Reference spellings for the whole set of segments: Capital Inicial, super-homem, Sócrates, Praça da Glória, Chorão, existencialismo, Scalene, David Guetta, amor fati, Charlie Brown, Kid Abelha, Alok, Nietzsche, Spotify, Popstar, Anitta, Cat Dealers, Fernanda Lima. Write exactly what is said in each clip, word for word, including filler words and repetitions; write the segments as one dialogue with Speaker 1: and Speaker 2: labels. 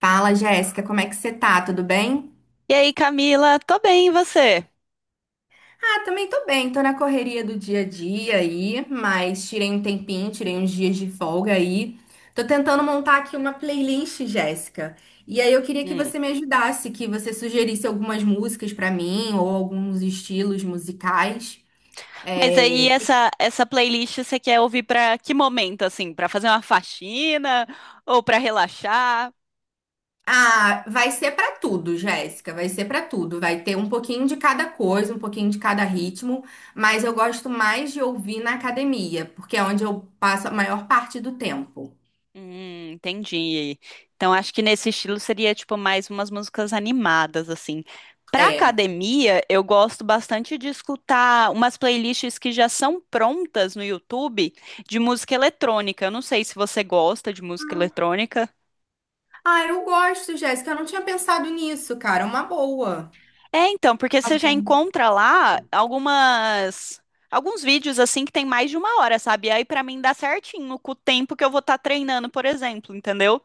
Speaker 1: Fala, Jéssica, como é que você tá? Tudo bem?
Speaker 2: E aí, Camila? Tô bem, e você?
Speaker 1: Ah, também tô bem, tô na correria do dia a dia aí, mas tirei um tempinho, tirei uns dias de folga aí. Tô tentando montar aqui uma playlist, Jéssica. E aí eu queria que
Speaker 2: Hum.
Speaker 1: você me ajudasse, que você sugerisse algumas músicas pra mim ou alguns estilos musicais. É,
Speaker 2: Mas aí essa essa playlist você quer ouvir pra que momento assim? Pra fazer uma faxina ou pra relaxar?
Speaker 1: Ah, vai ser pra tudo, Jéssica, vai ser pra tudo. Vai ter um pouquinho de cada coisa, um pouquinho de cada ritmo, mas eu gosto mais de ouvir na academia, porque é onde eu passo a maior parte do tempo.
Speaker 2: Hum, entendi. Então acho que nesse estilo seria tipo mais umas músicas animadas assim. Pra
Speaker 1: É.
Speaker 2: academia, eu gosto bastante de escutar umas playlists que já são prontas no YouTube de música eletrônica. Eu não sei se você gosta de música eletrônica.
Speaker 1: Ah, eu gosto, Jéssica, eu não tinha pensado nisso, cara, é uma boa.
Speaker 2: É, então, porque
Speaker 1: Tá
Speaker 2: você já
Speaker 1: bom.
Speaker 2: encontra lá algumas alguns vídeos assim que tem mais de uma hora, sabe? Aí pra mim dá certinho com o tempo que eu vou estar treinando, por exemplo, entendeu?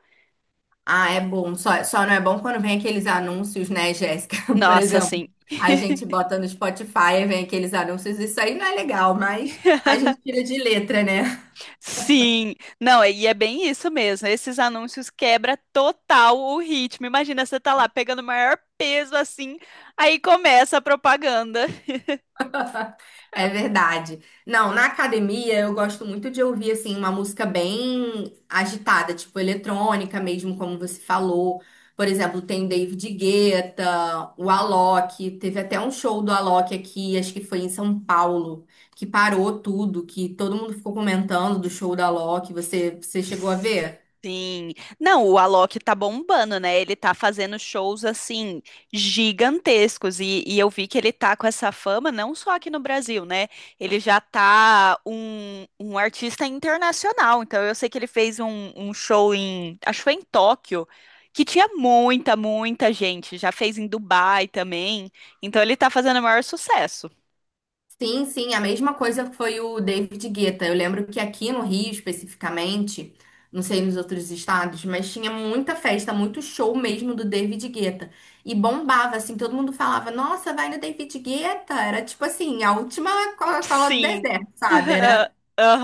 Speaker 1: Ah, é bom. Só, só não é bom quando vem aqueles anúncios, né, Jéssica? Por
Speaker 2: Nossa,
Speaker 1: exemplo,
Speaker 2: sim.
Speaker 1: a gente bota no Spotify, e vem aqueles anúncios, isso aí não é legal, mas a gente tira de letra, né?
Speaker 2: Sim. Não, e é bem isso mesmo. Esses anúncios quebra total o ritmo. Imagina você tá lá pegando o maior peso assim, aí começa a propaganda.
Speaker 1: É verdade. Não, na academia eu gosto muito de ouvir assim uma música bem agitada, tipo eletrônica mesmo, como você falou. Por exemplo, tem o David Guetta, o Alok, teve até um show do Alok aqui, acho que foi em São Paulo, que parou tudo, que todo mundo ficou comentando do show do Alok. Você, você chegou a ver?
Speaker 2: Sim. Não, o Alok tá bombando, né? Ele tá fazendo shows assim gigantescos e, e eu vi que ele tá com essa fama não só aqui no Brasil, né? Ele já tá um, um artista internacional. Então eu sei que ele fez um, um show em, acho que foi em Tóquio, que tinha muita, muita gente. Já fez em Dubai também. Então ele tá fazendo o maior sucesso.
Speaker 1: Sim, sim, a mesma coisa foi o David Guetta. Eu lembro que aqui no Rio, especificamente, não sei nos outros estados, mas tinha muita festa, muito show mesmo do David Guetta. E bombava, assim, todo mundo falava, nossa, vai no David Guetta. Era tipo assim, a última Coca-Cola do
Speaker 2: Sim.
Speaker 1: deserto, sabe? Era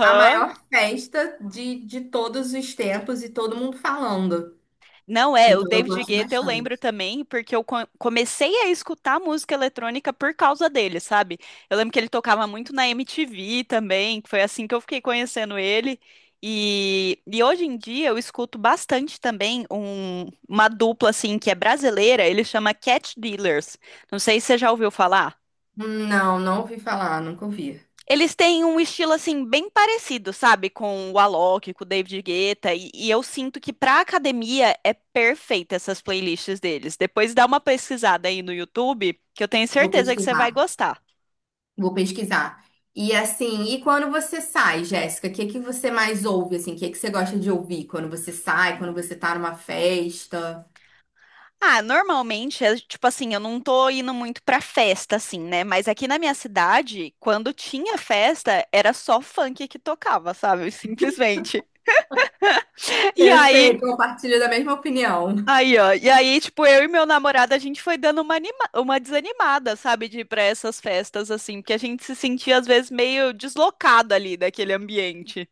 Speaker 1: a maior festa de, de todos os tempos e todo mundo falando.
Speaker 2: Não é, o
Speaker 1: Então eu
Speaker 2: David
Speaker 1: gosto
Speaker 2: Guetta eu lembro
Speaker 1: bastante.
Speaker 2: também, porque eu co- comecei a escutar música eletrônica por causa dele, sabe? Eu lembro que ele tocava muito na M T V também, que foi assim que eu fiquei conhecendo ele. E, e hoje em dia eu escuto bastante também um- uma dupla assim que é brasileira, ele chama Cat Dealers. Não sei se você já ouviu falar.
Speaker 1: Não, não ouvi falar, nunca ouvi.
Speaker 2: Eles têm um estilo assim bem parecido, sabe, com o Alok, com o David Guetta, e, e eu sinto que pra academia é perfeita essas playlists deles. Depois dá uma pesquisada aí no YouTube, que eu tenho
Speaker 1: Vou
Speaker 2: certeza que você vai
Speaker 1: pesquisar.
Speaker 2: gostar.
Speaker 1: Vou pesquisar. E assim, e quando você sai, Jéssica, o que que você mais ouve assim? O que que você gosta de ouvir quando você sai, quando você tá numa festa?
Speaker 2: Ah, normalmente, é, tipo assim, eu não tô indo muito pra festa, assim, né? Mas aqui na minha cidade, quando tinha festa, era só funk que tocava, sabe? Simplesmente. E
Speaker 1: Eu
Speaker 2: aí,
Speaker 1: sei, compartilho da mesma opinião.
Speaker 2: aí, ó. E aí, tipo, eu e meu namorado, a gente foi dando uma, anima- uma desanimada, sabe, de ir pra essas festas, assim, porque a gente se sentia, às vezes, meio deslocado ali daquele ambiente.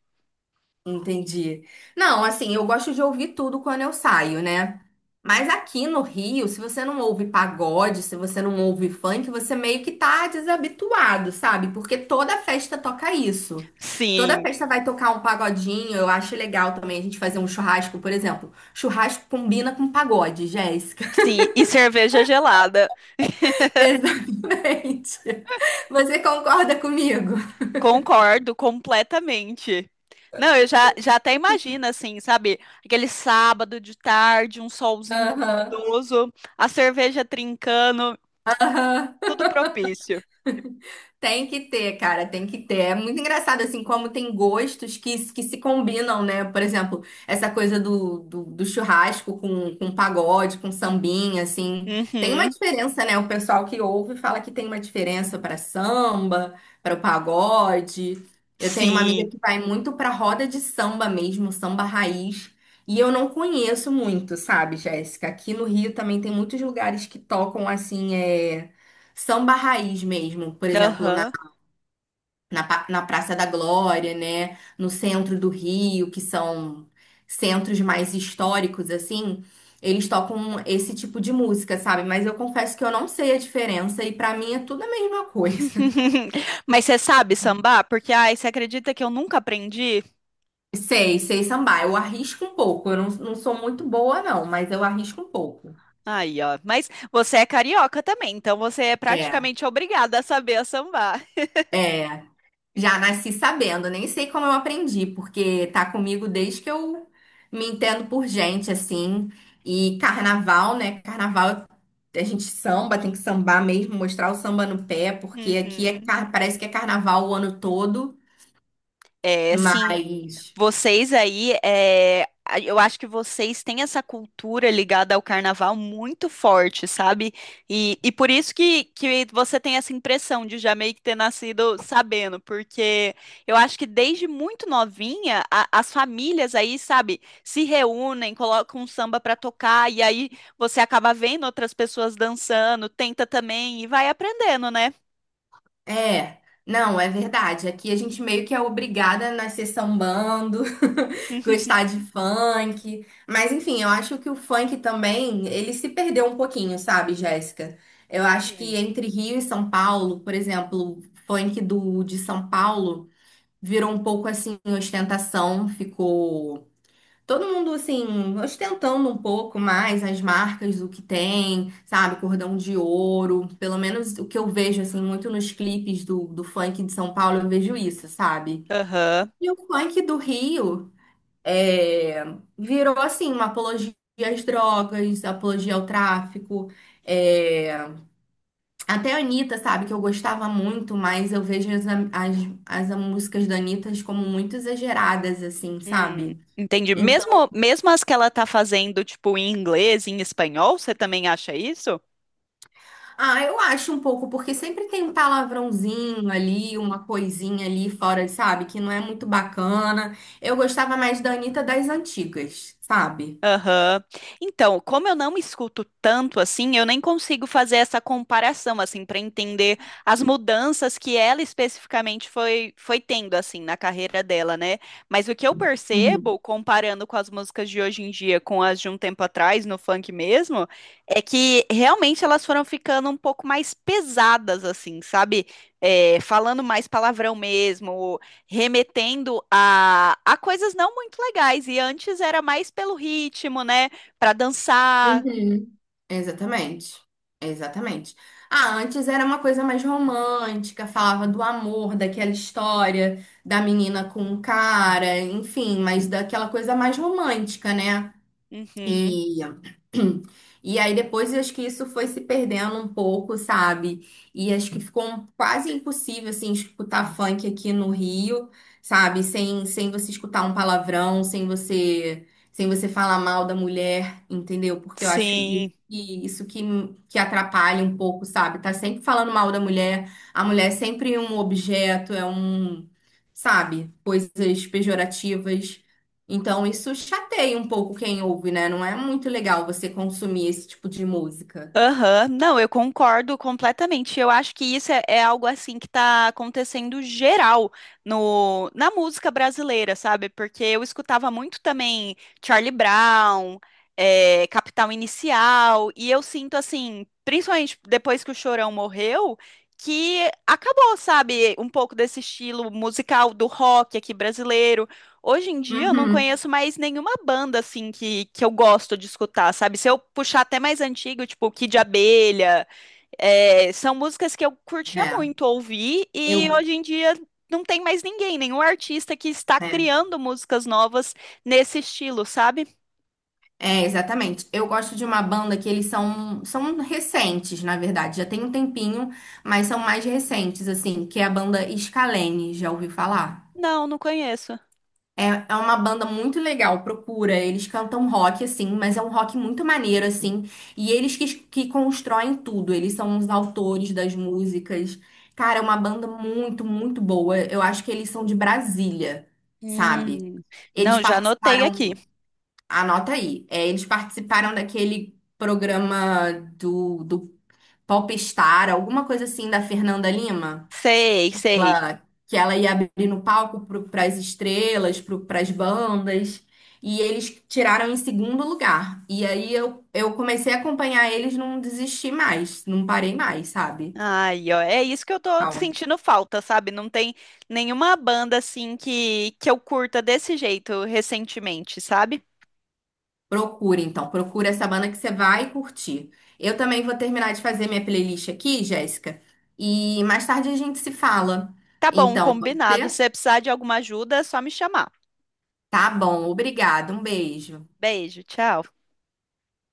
Speaker 1: Entendi. Não, assim, eu gosto de ouvir tudo quando eu saio, né? Mas aqui no Rio, se você não ouve pagode, se você não ouve funk, você meio que tá desabituado, sabe? Porque toda festa toca isso. Toda
Speaker 2: Sim,
Speaker 1: festa vai tocar um pagodinho, eu acho legal também a gente fazer um churrasco, por exemplo. Churrasco combina com pagode, Jéssica.
Speaker 2: sim. E cerveja gelada.
Speaker 1: Exatamente. Você concorda comigo?
Speaker 2: Concordo completamente. Não, eu já, já até imagino, assim, sabe, aquele sábado de tarde, um solzinho
Speaker 1: Aham.
Speaker 2: gostoso, a cerveja trincando,
Speaker 1: Aham.
Speaker 2: tudo propício.
Speaker 1: Tem que ter, cara, tem que ter. É muito engraçado, assim, como tem gostos que, que se combinam, né? Por exemplo, essa coisa do, do, do churrasco com, com pagode, com sambinha, assim. Tem uma
Speaker 2: Uhum,
Speaker 1: diferença, né? O pessoal que ouve fala que tem uma diferença para samba, para o pagode. Eu tenho uma amiga
Speaker 2: sim.
Speaker 1: que vai muito para roda de samba mesmo, samba raiz. E eu não conheço muito, sabe, Jéssica? Aqui no Rio também tem muitos lugares que tocam, assim, é samba raiz mesmo, por exemplo,
Speaker 2: Aham.
Speaker 1: na, pa- na Praça da Glória, né? No centro do Rio, que são centros mais históricos, assim, eles tocam esse tipo de música, sabe? Mas eu confesso que eu não sei a diferença e pra mim é tudo a mesma coisa.
Speaker 2: Mas você sabe sambar? Porque, ai, você acredita que eu nunca aprendi?
Speaker 1: Sei, sei sambar. Eu arrisco um pouco. Eu não, não sou muito boa, não, mas eu arrisco um pouco.
Speaker 2: Aí, ó. Mas você é carioca também, então você é
Speaker 1: É,
Speaker 2: praticamente obrigada a saber a sambar.
Speaker 1: é. Já nasci sabendo, nem sei como eu aprendi, porque tá comigo desde que eu me entendo por gente, assim. E carnaval, né? Carnaval, a gente samba, tem que sambar mesmo, mostrar o samba no pé, porque aqui é,
Speaker 2: Uhum.
Speaker 1: car- parece que é carnaval o ano todo,
Speaker 2: É, sim.
Speaker 1: mas.
Speaker 2: Vocês aí, é, a- eu acho que vocês têm essa cultura ligada ao carnaval muito forte, sabe? E, e por isso que, que você tem essa impressão de já meio que ter nascido sabendo, porque eu acho que desde muito novinha, a- as famílias aí, sabe, se reúnem, colocam um samba pra tocar, e aí você acaba vendo outras pessoas dançando, tenta também e vai aprendendo, né?
Speaker 1: É, não, é verdade. Aqui a gente meio que é obrigada a nascer sambando, gostar de funk. Mas enfim, eu acho que o funk também, ele se perdeu um pouquinho, sabe, Jéssica? Eu acho
Speaker 2: Hum.
Speaker 1: que entre Rio e São Paulo, por exemplo, o funk do de São Paulo virou um pouco assim ostentação, ficou todo mundo, assim, ostentando um pouco mais as marcas do que tem, sabe? Cordão de ouro. Pelo menos o que eu vejo, assim, muito nos clipes do, do funk de São Paulo, eu vejo isso, sabe?
Speaker 2: Aham.
Speaker 1: E o funk do Rio é, virou, assim, uma apologia às drogas, apologia ao tráfico. é, Até a Anitta, sabe? Que eu gostava muito, mas eu vejo as, as, as músicas da Anitta como muito exageradas, assim,
Speaker 2: Hum,
Speaker 1: sabe?
Speaker 2: entendi.
Speaker 1: então
Speaker 2: Mesmo, mesmo as que ela tá fazendo, tipo, em inglês, em espanhol, você também acha isso?
Speaker 1: Ah, eu acho um pouco, porque sempre tem um palavrãozinho ali, uma coisinha ali fora, sabe? Que não é muito bacana. Eu gostava mais da Anitta das antigas, sabe?
Speaker 2: Aham. Então, como eu não escuto tanto assim, eu nem consigo fazer essa comparação assim para entender as mudanças que ela especificamente foi foi tendo assim na carreira dela, né? Mas o que eu
Speaker 1: Uhum.
Speaker 2: percebo comparando com as músicas de hoje em dia com as de um tempo atrás no funk mesmo, é que realmente elas foram ficando um pouco mais pesadas assim, sabe? É, falando mais palavrão mesmo, remetendo a, a coisas não muito legais. E antes era mais pelo ritmo, né? Pra dançar.
Speaker 1: Uhum. Exatamente. Exatamente. Ah, antes era uma coisa mais romântica, falava do amor, daquela história da menina com o cara, enfim, mas daquela coisa mais romântica, né?
Speaker 2: Uhum,
Speaker 1: E, e aí depois eu acho que isso foi se perdendo um pouco, sabe? E acho que ficou um- quase impossível, assim, escutar funk aqui no Rio, sabe? Sem, sem você escutar um palavrão, sem você, sem você falar mal da mulher, entendeu? Porque eu acho isso
Speaker 2: sim.
Speaker 1: que, isso que, que atrapalha um pouco, sabe? Tá sempre falando mal da mulher, a mulher é sempre um objeto, é um, sabe? Coisas pejorativas. Então isso chateia um pouco quem ouve, né? Não é muito legal você consumir esse tipo de música.
Speaker 2: Aham, não, eu concordo completamente. Eu acho que isso é, é algo assim que está acontecendo geral no, na música brasileira, sabe? Porque eu escutava muito também Charlie Brown, eh, Capital Inicial, e eu sinto assim, principalmente depois que o Chorão morreu, que acabou, sabe, um pouco desse estilo musical do rock aqui brasileiro. Hoje em dia eu não
Speaker 1: Uhum.
Speaker 2: conheço mais nenhuma banda assim que, que eu gosto de escutar, sabe? Se eu puxar até mais antigo, tipo Kid Abelha, é, são músicas que eu curtia
Speaker 1: É,
Speaker 2: muito ouvir e
Speaker 1: eu.
Speaker 2: hoje em dia não tem mais ninguém, nenhum artista que está
Speaker 1: É.
Speaker 2: criando músicas novas nesse estilo, sabe?
Speaker 1: É, exatamente. Eu gosto de uma banda que eles são, são recentes, na verdade. Já tem um tempinho, mas são mais recentes, assim, que é a banda Scalene. Já ouviu falar?
Speaker 2: Não, não conheço.
Speaker 1: É, é uma banda muito legal, procura. Eles cantam rock, assim, mas é um rock muito maneiro, assim. E eles que, que constroem tudo, eles são os autores das músicas. Cara, é uma banda muito, muito boa. Eu acho que eles são de Brasília, sabe?
Speaker 2: Hum,
Speaker 1: Eles
Speaker 2: não, já anotei aqui.
Speaker 1: participaram, anota aí, é, eles participaram daquele programa do, do Popstar, alguma coisa assim, da Fernanda Lima
Speaker 2: Sei, sei.
Speaker 1: ela- que ela ia abrir no palco para as estrelas, para as bandas, e eles tiraram em segundo lugar. E aí eu, eu comecei a acompanhar eles, não desisti mais, não parei mais, sabe?
Speaker 2: Ai, ó, é isso que eu tô
Speaker 1: Calma.
Speaker 2: sentindo falta, sabe? Não tem nenhuma banda assim que, que eu curta desse jeito recentemente, sabe?
Speaker 1: Procura então, procura essa banda que você vai curtir. Eu também vou terminar de fazer minha playlist aqui, Jéssica, e mais tarde a gente se fala.
Speaker 2: Tá bom,
Speaker 1: Então, pode
Speaker 2: combinado. Se
Speaker 1: ser?
Speaker 2: você precisar de alguma ajuda, é só me chamar.
Speaker 1: Tá bom, obrigada, um beijo.
Speaker 2: Beijo, tchau.